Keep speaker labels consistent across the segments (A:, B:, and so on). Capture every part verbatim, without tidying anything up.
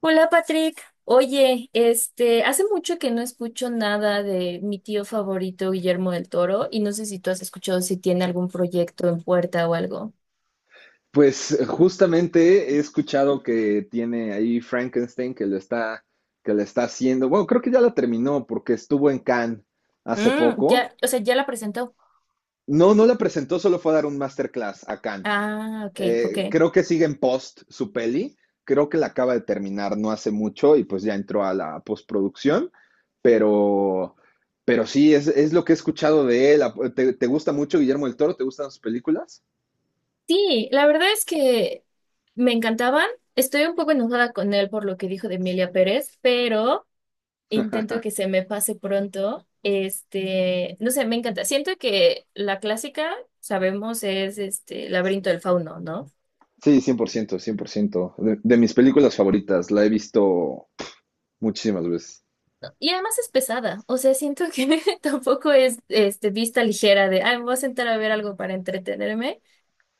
A: Hola Patrick, oye, este, hace mucho que no escucho nada de mi tío favorito Guillermo del Toro y no sé si tú has escuchado si tiene algún proyecto en puerta o algo.
B: Pues eh, justamente he escuchado que tiene ahí Frankenstein que lo está, que la está haciendo. Bueno, creo que ya la terminó porque estuvo en Cannes hace
A: Mm,
B: poco.
A: ya, o sea, ya la presentó.
B: No, no la presentó, solo fue a dar un masterclass a Cannes.
A: Ah, ok, ok.
B: Eh, creo que sigue en post su peli. Creo que la acaba de terminar no hace mucho y pues ya entró a la postproducción. Pero, pero sí, es, es lo que he escuchado de él. ¿Te, te gusta mucho Guillermo del Toro? ¿Te gustan sus películas?
A: Sí, la verdad es que me encantaban. Estoy un poco enojada con él por lo que dijo de Emilia Pérez, pero intento que se me pase pronto. Este, no sé, me encanta. Siento que la clásica, sabemos, es este Laberinto del Fauno, ¿no?
B: Sí, cien por ciento, cien por ciento. De, de mis películas favoritas, la he visto muchísimas veces.
A: Y además es pesada, o sea, siento que tampoco es este, vista ligera de, ay, me voy a sentar a ver algo para entretenerme.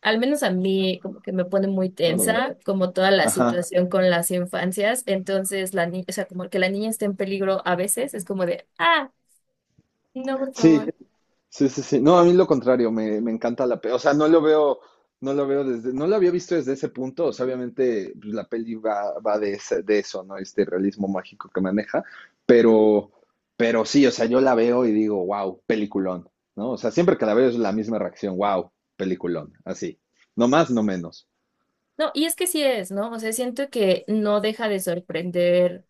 A: Al menos a mí como que me pone muy
B: Órale.
A: tensa, como toda la
B: Ajá.
A: situación con las infancias. Entonces, la niña, o sea, como que la niña está en peligro a veces, es como de, ah, no, por favor.
B: Sí, sí, sí, sí. No, a mí lo contrario, me, me encanta la peli. O sea, no lo veo, no lo veo desde, no lo había visto desde ese punto. O sea, obviamente pues, la peli va, va de, ese- de eso, ¿no? Este realismo mágico que maneja. Pero, pero sí, o sea, yo la veo y digo, wow, peliculón, ¿no? O sea, siempre que la veo es la misma reacción, wow, peliculón, así. No más, no menos.
A: No, y es que sí es, ¿no? O sea, siento que no deja de sorprender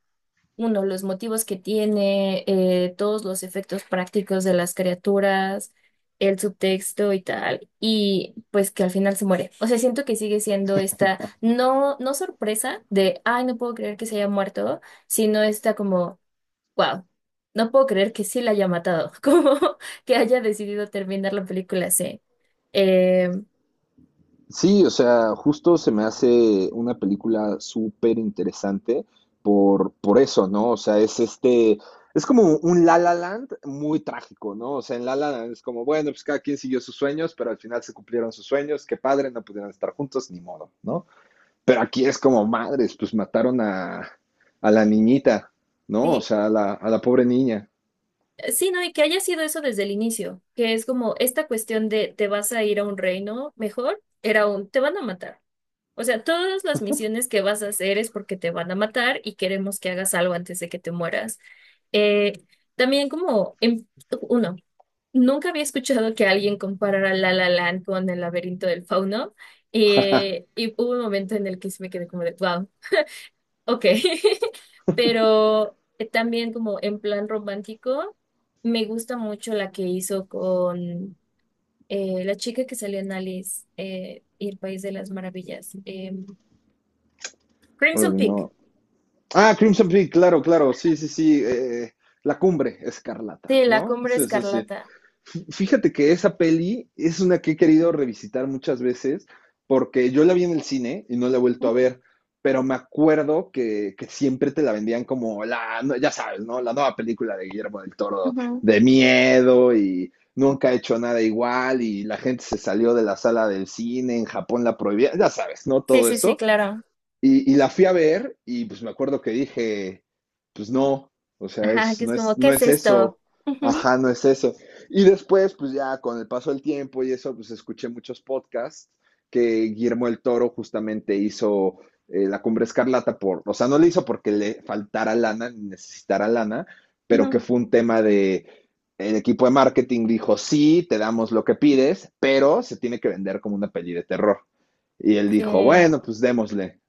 A: uno, los motivos que tiene, eh, todos los efectos prácticos de las criaturas, el subtexto y tal, y pues que al final se muere. O sea, siento que sigue siendo esta, no, no sorpresa de, ay, no puedo creer que se haya muerto, sino esta como, wow, no puedo creer que sí la haya matado, como que haya decidido terminar la película así. Em,
B: Sí, o sea, justo se me hace una película súper interesante por, por eso, ¿no? O sea, es este, es como un La La Land muy trágico, ¿no? O sea, en La La Land es como, bueno, pues cada quien siguió sus sueños, pero al final se cumplieron sus sueños, qué padre, no pudieron estar juntos, ni modo, ¿no? Pero aquí es como, madres, pues mataron a, a la niñita, ¿no? O
A: Sí,
B: sea, a la, a la pobre niña.
A: sí, no, y que haya sido eso desde el inicio, que es como esta cuestión de te vas a ir a un reino mejor, era un te van a matar. O sea, todas las misiones que vas a hacer es porque te van a matar y queremos que hagas algo antes de que te mueras. Eh, También como, en- uno, nunca había escuchado que alguien comparara La La Land con El laberinto del fauno eh, y hubo un momento en el que sí me quedé como de, wow, ok. Pero eh, también como en plan romántico, me gusta mucho la que hizo con eh, la chica que salió en Alice eh, y el País de las Maravillas. eh, Crimson
B: Órale,
A: Peak,
B: no. Ah, Crimson Peak, claro, claro, sí, sí, sí, eh, la cumbre escarlata,
A: sí, La
B: ¿no?
A: Cumbre
B: Sí, sí, sí.
A: Escarlata.
B: Fíjate que esa peli es una que he querido revisitar muchas veces porque yo la vi en el cine y no la he vuelto a ver, pero me acuerdo que, que siempre te la vendían como la, no- ya sabes, ¿no? La nueva película de Guillermo del Toro
A: Ujú.
B: de miedo y nunca ha hecho nada igual y la gente se salió de la sala del cine, en Japón la prohibía, ya sabes, ¿no?
A: Sí,
B: Todo
A: sí, sí,
B: eso.
A: claro.
B: Y, y la fui a ver y pues me acuerdo que dije, pues no, o sea,
A: Ajá,
B: es,
A: que es
B: no es,
A: como, ¿qué
B: no
A: es
B: es
A: esto?
B: eso.
A: Ujú,
B: Ajá, no es eso. Y después, pues ya con el paso del tiempo y eso, pues escuché muchos podcasts que Guillermo el Toro justamente hizo eh, La Cumbre Escarlata por, o sea, no le hizo porque le faltara lana, ni necesitara lana, pero
A: ujú.
B: que fue un tema de, el equipo de marketing dijo, sí, te damos lo que pides, pero se tiene que vender como una peli de terror. Y él dijo,
A: Sí,
B: bueno, pues démosle.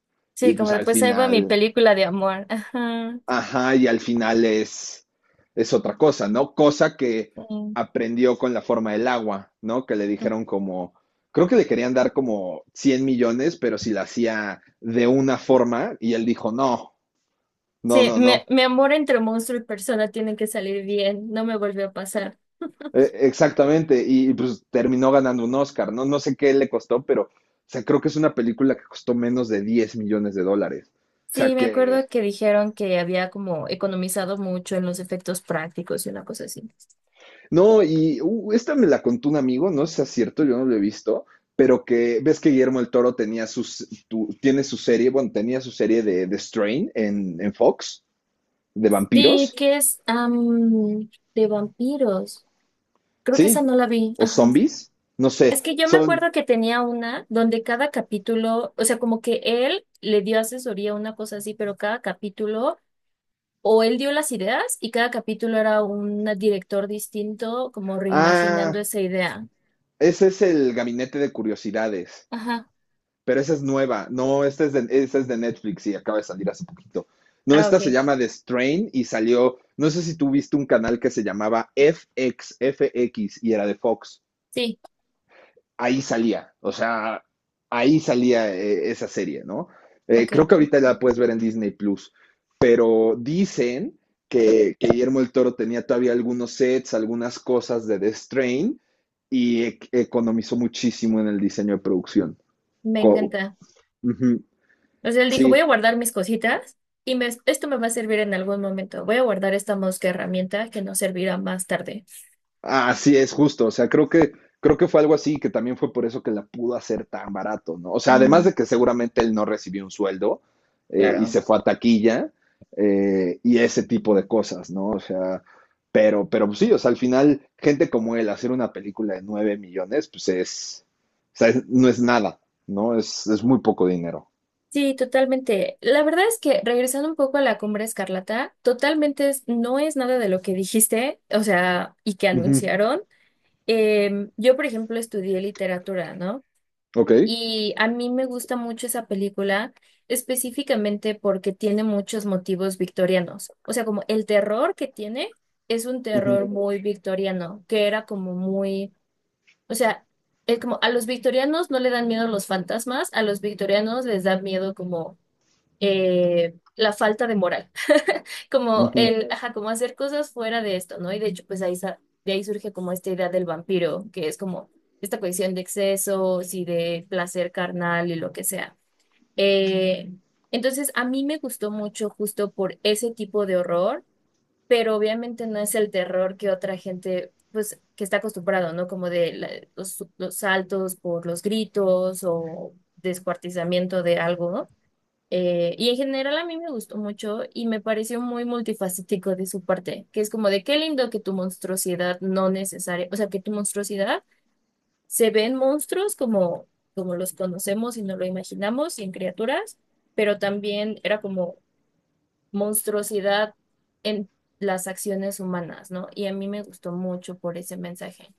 B: Y
A: sí, como
B: pues al
A: después ahí va mi
B: final,
A: película de amor. Ajá.
B: ajá, y al final es, es otra cosa, ¿no? Cosa que
A: Sí,
B: aprendió con la forma del agua, ¿no? Que le
A: ujú.
B: dijeron como, creo que le querían dar como cien millones, pero si la hacía de una forma, y él dijo, no, no,
A: Sí,
B: no,
A: mi,
B: no.
A: mi amor entre monstruo y persona tiene que salir bien, no me volvió a pasar.
B: Eh, Exactamente, y, y, pues terminó ganando un Oscar, ¿no? No sé qué le costó, pero, o sea, creo que es una película que costó menos de diez millones de dólares. O sea,
A: Sí, me acuerdo
B: que,
A: que dijeron que había como economizado mucho en los efectos prácticos y una cosa así.
B: no, y uh, esta me la contó un amigo, no sé si es cierto, yo no lo he visto, pero que ves que Guillermo el Toro tenía sus, tu- tiene su serie, bueno, tenía su serie de, de Strain en, en Fox, de
A: Sí,
B: vampiros,
A: que es am, de vampiros. Creo que esa
B: ¿sí?
A: no la vi.
B: O
A: Ajá.
B: zombies, no
A: Es
B: sé,
A: que yo me
B: son...
A: acuerdo que tenía una donde cada capítulo, o sea, como que él le dio asesoría, una cosa así, pero cada capítulo, o él dio las ideas y cada capítulo era un director distinto, como reimaginando
B: Ah,
A: esa idea.
B: ese es el Gabinete de Curiosidades,
A: Ajá.
B: pero esa es nueva, no, esta es de, esta es de Netflix y acaba de salir hace poquito. No,
A: Ah,
B: esta se
A: ok.
B: llama The Strain y salió, no sé si tú viste un canal que se llamaba FX, F X y era de Fox.
A: Sí,
B: ahí salía, o sea, ahí salía eh, esa serie, ¿no? Eh,
A: ok.
B: creo que ahorita la puedes ver en Disney Plus, pero dicen que, que Guillermo el Toro tenía todavía algunos sets, algunas cosas de The Strain y e- economizó muchísimo en el diseño de producción.
A: Me
B: Co-
A: encanta.
B: Ujú,
A: O sea, él dijo, voy
B: sí,
A: a guardar mis cositas y me- esto me va a servir en algún momento. Voy a guardar esta mosca herramienta que nos servirá más tarde.
B: así es, justo. O sea, creo que, creo que fue algo así que también fue por eso que la pudo hacer tan barato, ¿no? O sea, además
A: Mm,
B: de que seguramente él no recibió un sueldo eh, y
A: claro.
B: se fue a taquilla eh, y ese tipo de cosas, ¿no? O sea, pero, pero pues sí, o sea, al final, gente como él, hacer una película de nueve millones, pues es, o sea, es- no es nada, ¿no? Es, es muy poco dinero.
A: Sí, totalmente. La verdad es que regresando un poco a la Cumbre Escarlata, totalmente es- no es nada de lo que dijiste, o sea, y que
B: Ujú.
A: anunciaron. Em, yo, por ejemplo, estudié literatura, ¿no?
B: Ok.
A: Y a mí me gusta mucho esa película, específicamente porque tiene muchos motivos victorianos. O sea, como el terror que tiene es un
B: Ujú.
A: terror muy victoriano, que era como muy, o sea, es como a los victorianos no le dan miedo los fantasmas, a los victorianos les da miedo como eh, la falta de moral como
B: Ujú.
A: el, ajá, como hacer cosas fuera de esto, ¿no? Y de hecho, pues ahí, sa- de ahí surge como esta idea del vampiro, que es como esta cuestión de excesos y de placer carnal y lo que sea. Eh, entonces, a mí me gustó mucho justo por ese tipo de horror, pero obviamente no es el terror que otra gente, pues, que está acostumbrado, ¿no? Como de la- los, los saltos por los gritos o descuartizamiento de algo, ¿no? Eh, y en general a mí me gustó mucho y me pareció muy multifacético de su parte, que es como de qué lindo que tu monstruosidad no necesaria, o sea, que tu monstruosidad se ve en monstruos como, como los conocemos y no lo imaginamos y en criaturas, pero también era como monstruosidad en las acciones humanas, ¿no? Y a mí me gustó mucho por ese mensaje.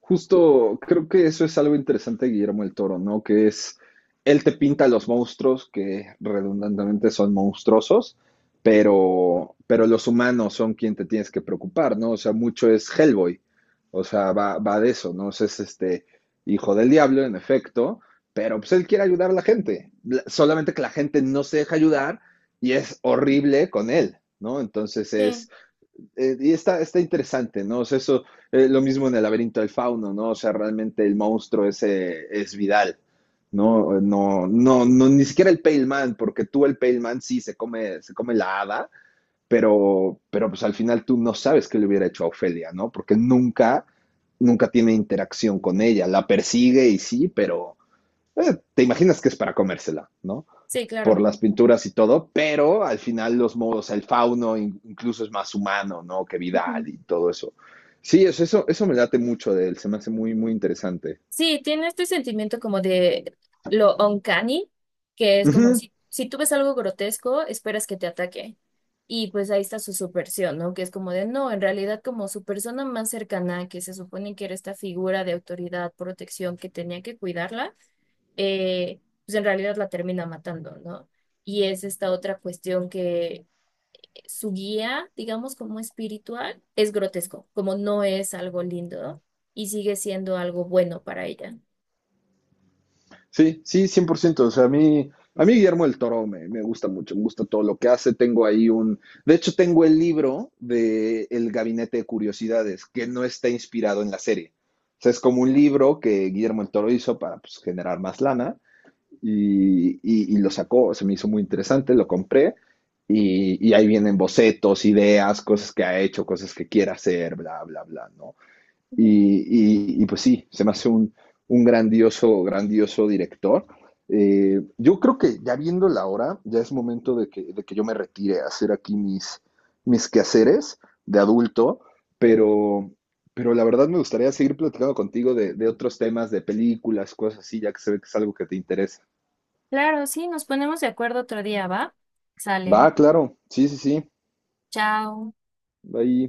B: Justo creo que eso es algo interesante de Guillermo el Toro, ¿no? Que es, él te pinta los monstruos que redundantemente son monstruosos, pero, pero los humanos son quien te tienes que preocupar, ¿no? O sea, mucho es Hellboy, o sea, va, va de eso, ¿no? O sea, es este hijo del diablo, en efecto, pero pues él quiere ayudar a la gente, la- solamente que la gente no se deja ayudar y es horrible con él, ¿no? Entonces
A: Sí,
B: es eh, y está, está interesante, ¿no? O sea, eso, eh, lo mismo en el laberinto del fauno, ¿no? O sea, realmente el monstruo ese es Vidal, ¿no? No, no, no, ni siquiera el Pale Man, porque tú el Pale Man sí se come, se come la hada, pero, pero pues al final tú no sabes qué le hubiera hecho a Ofelia, ¿no? Porque nunca, nunca tiene interacción con ella, la persigue y sí, pero eh, te imaginas que es para comérsela, ¿no?
A: sí,
B: Por
A: claro.
B: las pinturas y todo, pero al final los modos, el fauno incluso es más humano, ¿no? Que Vidal y todo eso. Sí, eso, eso, eso me late mucho de él, se me hace muy, muy interesante.
A: Sí, tiene este sentimiento como de lo uncanny, que es como
B: Uh
A: si, si tú ves algo grotesco, esperas que te ataque. Y pues ahí está su subversión, ¿no? Que es como de, no, en realidad como su persona más cercana, que se supone que era esta figura de autoridad, protección, que tenía que cuidarla, eh, pues en realidad la termina matando, ¿no? Y es esta otra cuestión que su guía, digamos, como espiritual, es grotesco, como no es algo lindo y sigue siendo algo bueno para ella.
B: sí, sí, cien por ciento. O sea, a mí, a mí Guillermo del Toro me, me, gusta mucho, me gusta todo lo que hace. Tengo ahí un. De hecho, tengo el libro de El Gabinete de Curiosidades, que no está inspirado en la serie. O sea, es como un libro que Guillermo del Toro hizo para pues, generar más lana y, y- y lo sacó, se me hizo muy interesante, lo compré y, y ahí vienen bocetos, ideas, cosas que ha hecho, cosas que quiere hacer, bla, bla, bla, ¿no? Y, y- y, pues sí, se me hace un, un grandioso, grandioso director. Eh, yo creo que ya viendo la hora, ya es momento de que, de que yo me retire a hacer aquí mis, mis quehaceres de adulto, pero, pero la verdad me gustaría seguir platicando contigo de, de otros temas, de películas, cosas así, ya que se ve que es algo que te interesa.
A: Claro, sí, nos ponemos de acuerdo otro día, ¿va? Sale.
B: Va, claro, sí, sí, sí.
A: Chao.
B: Ahí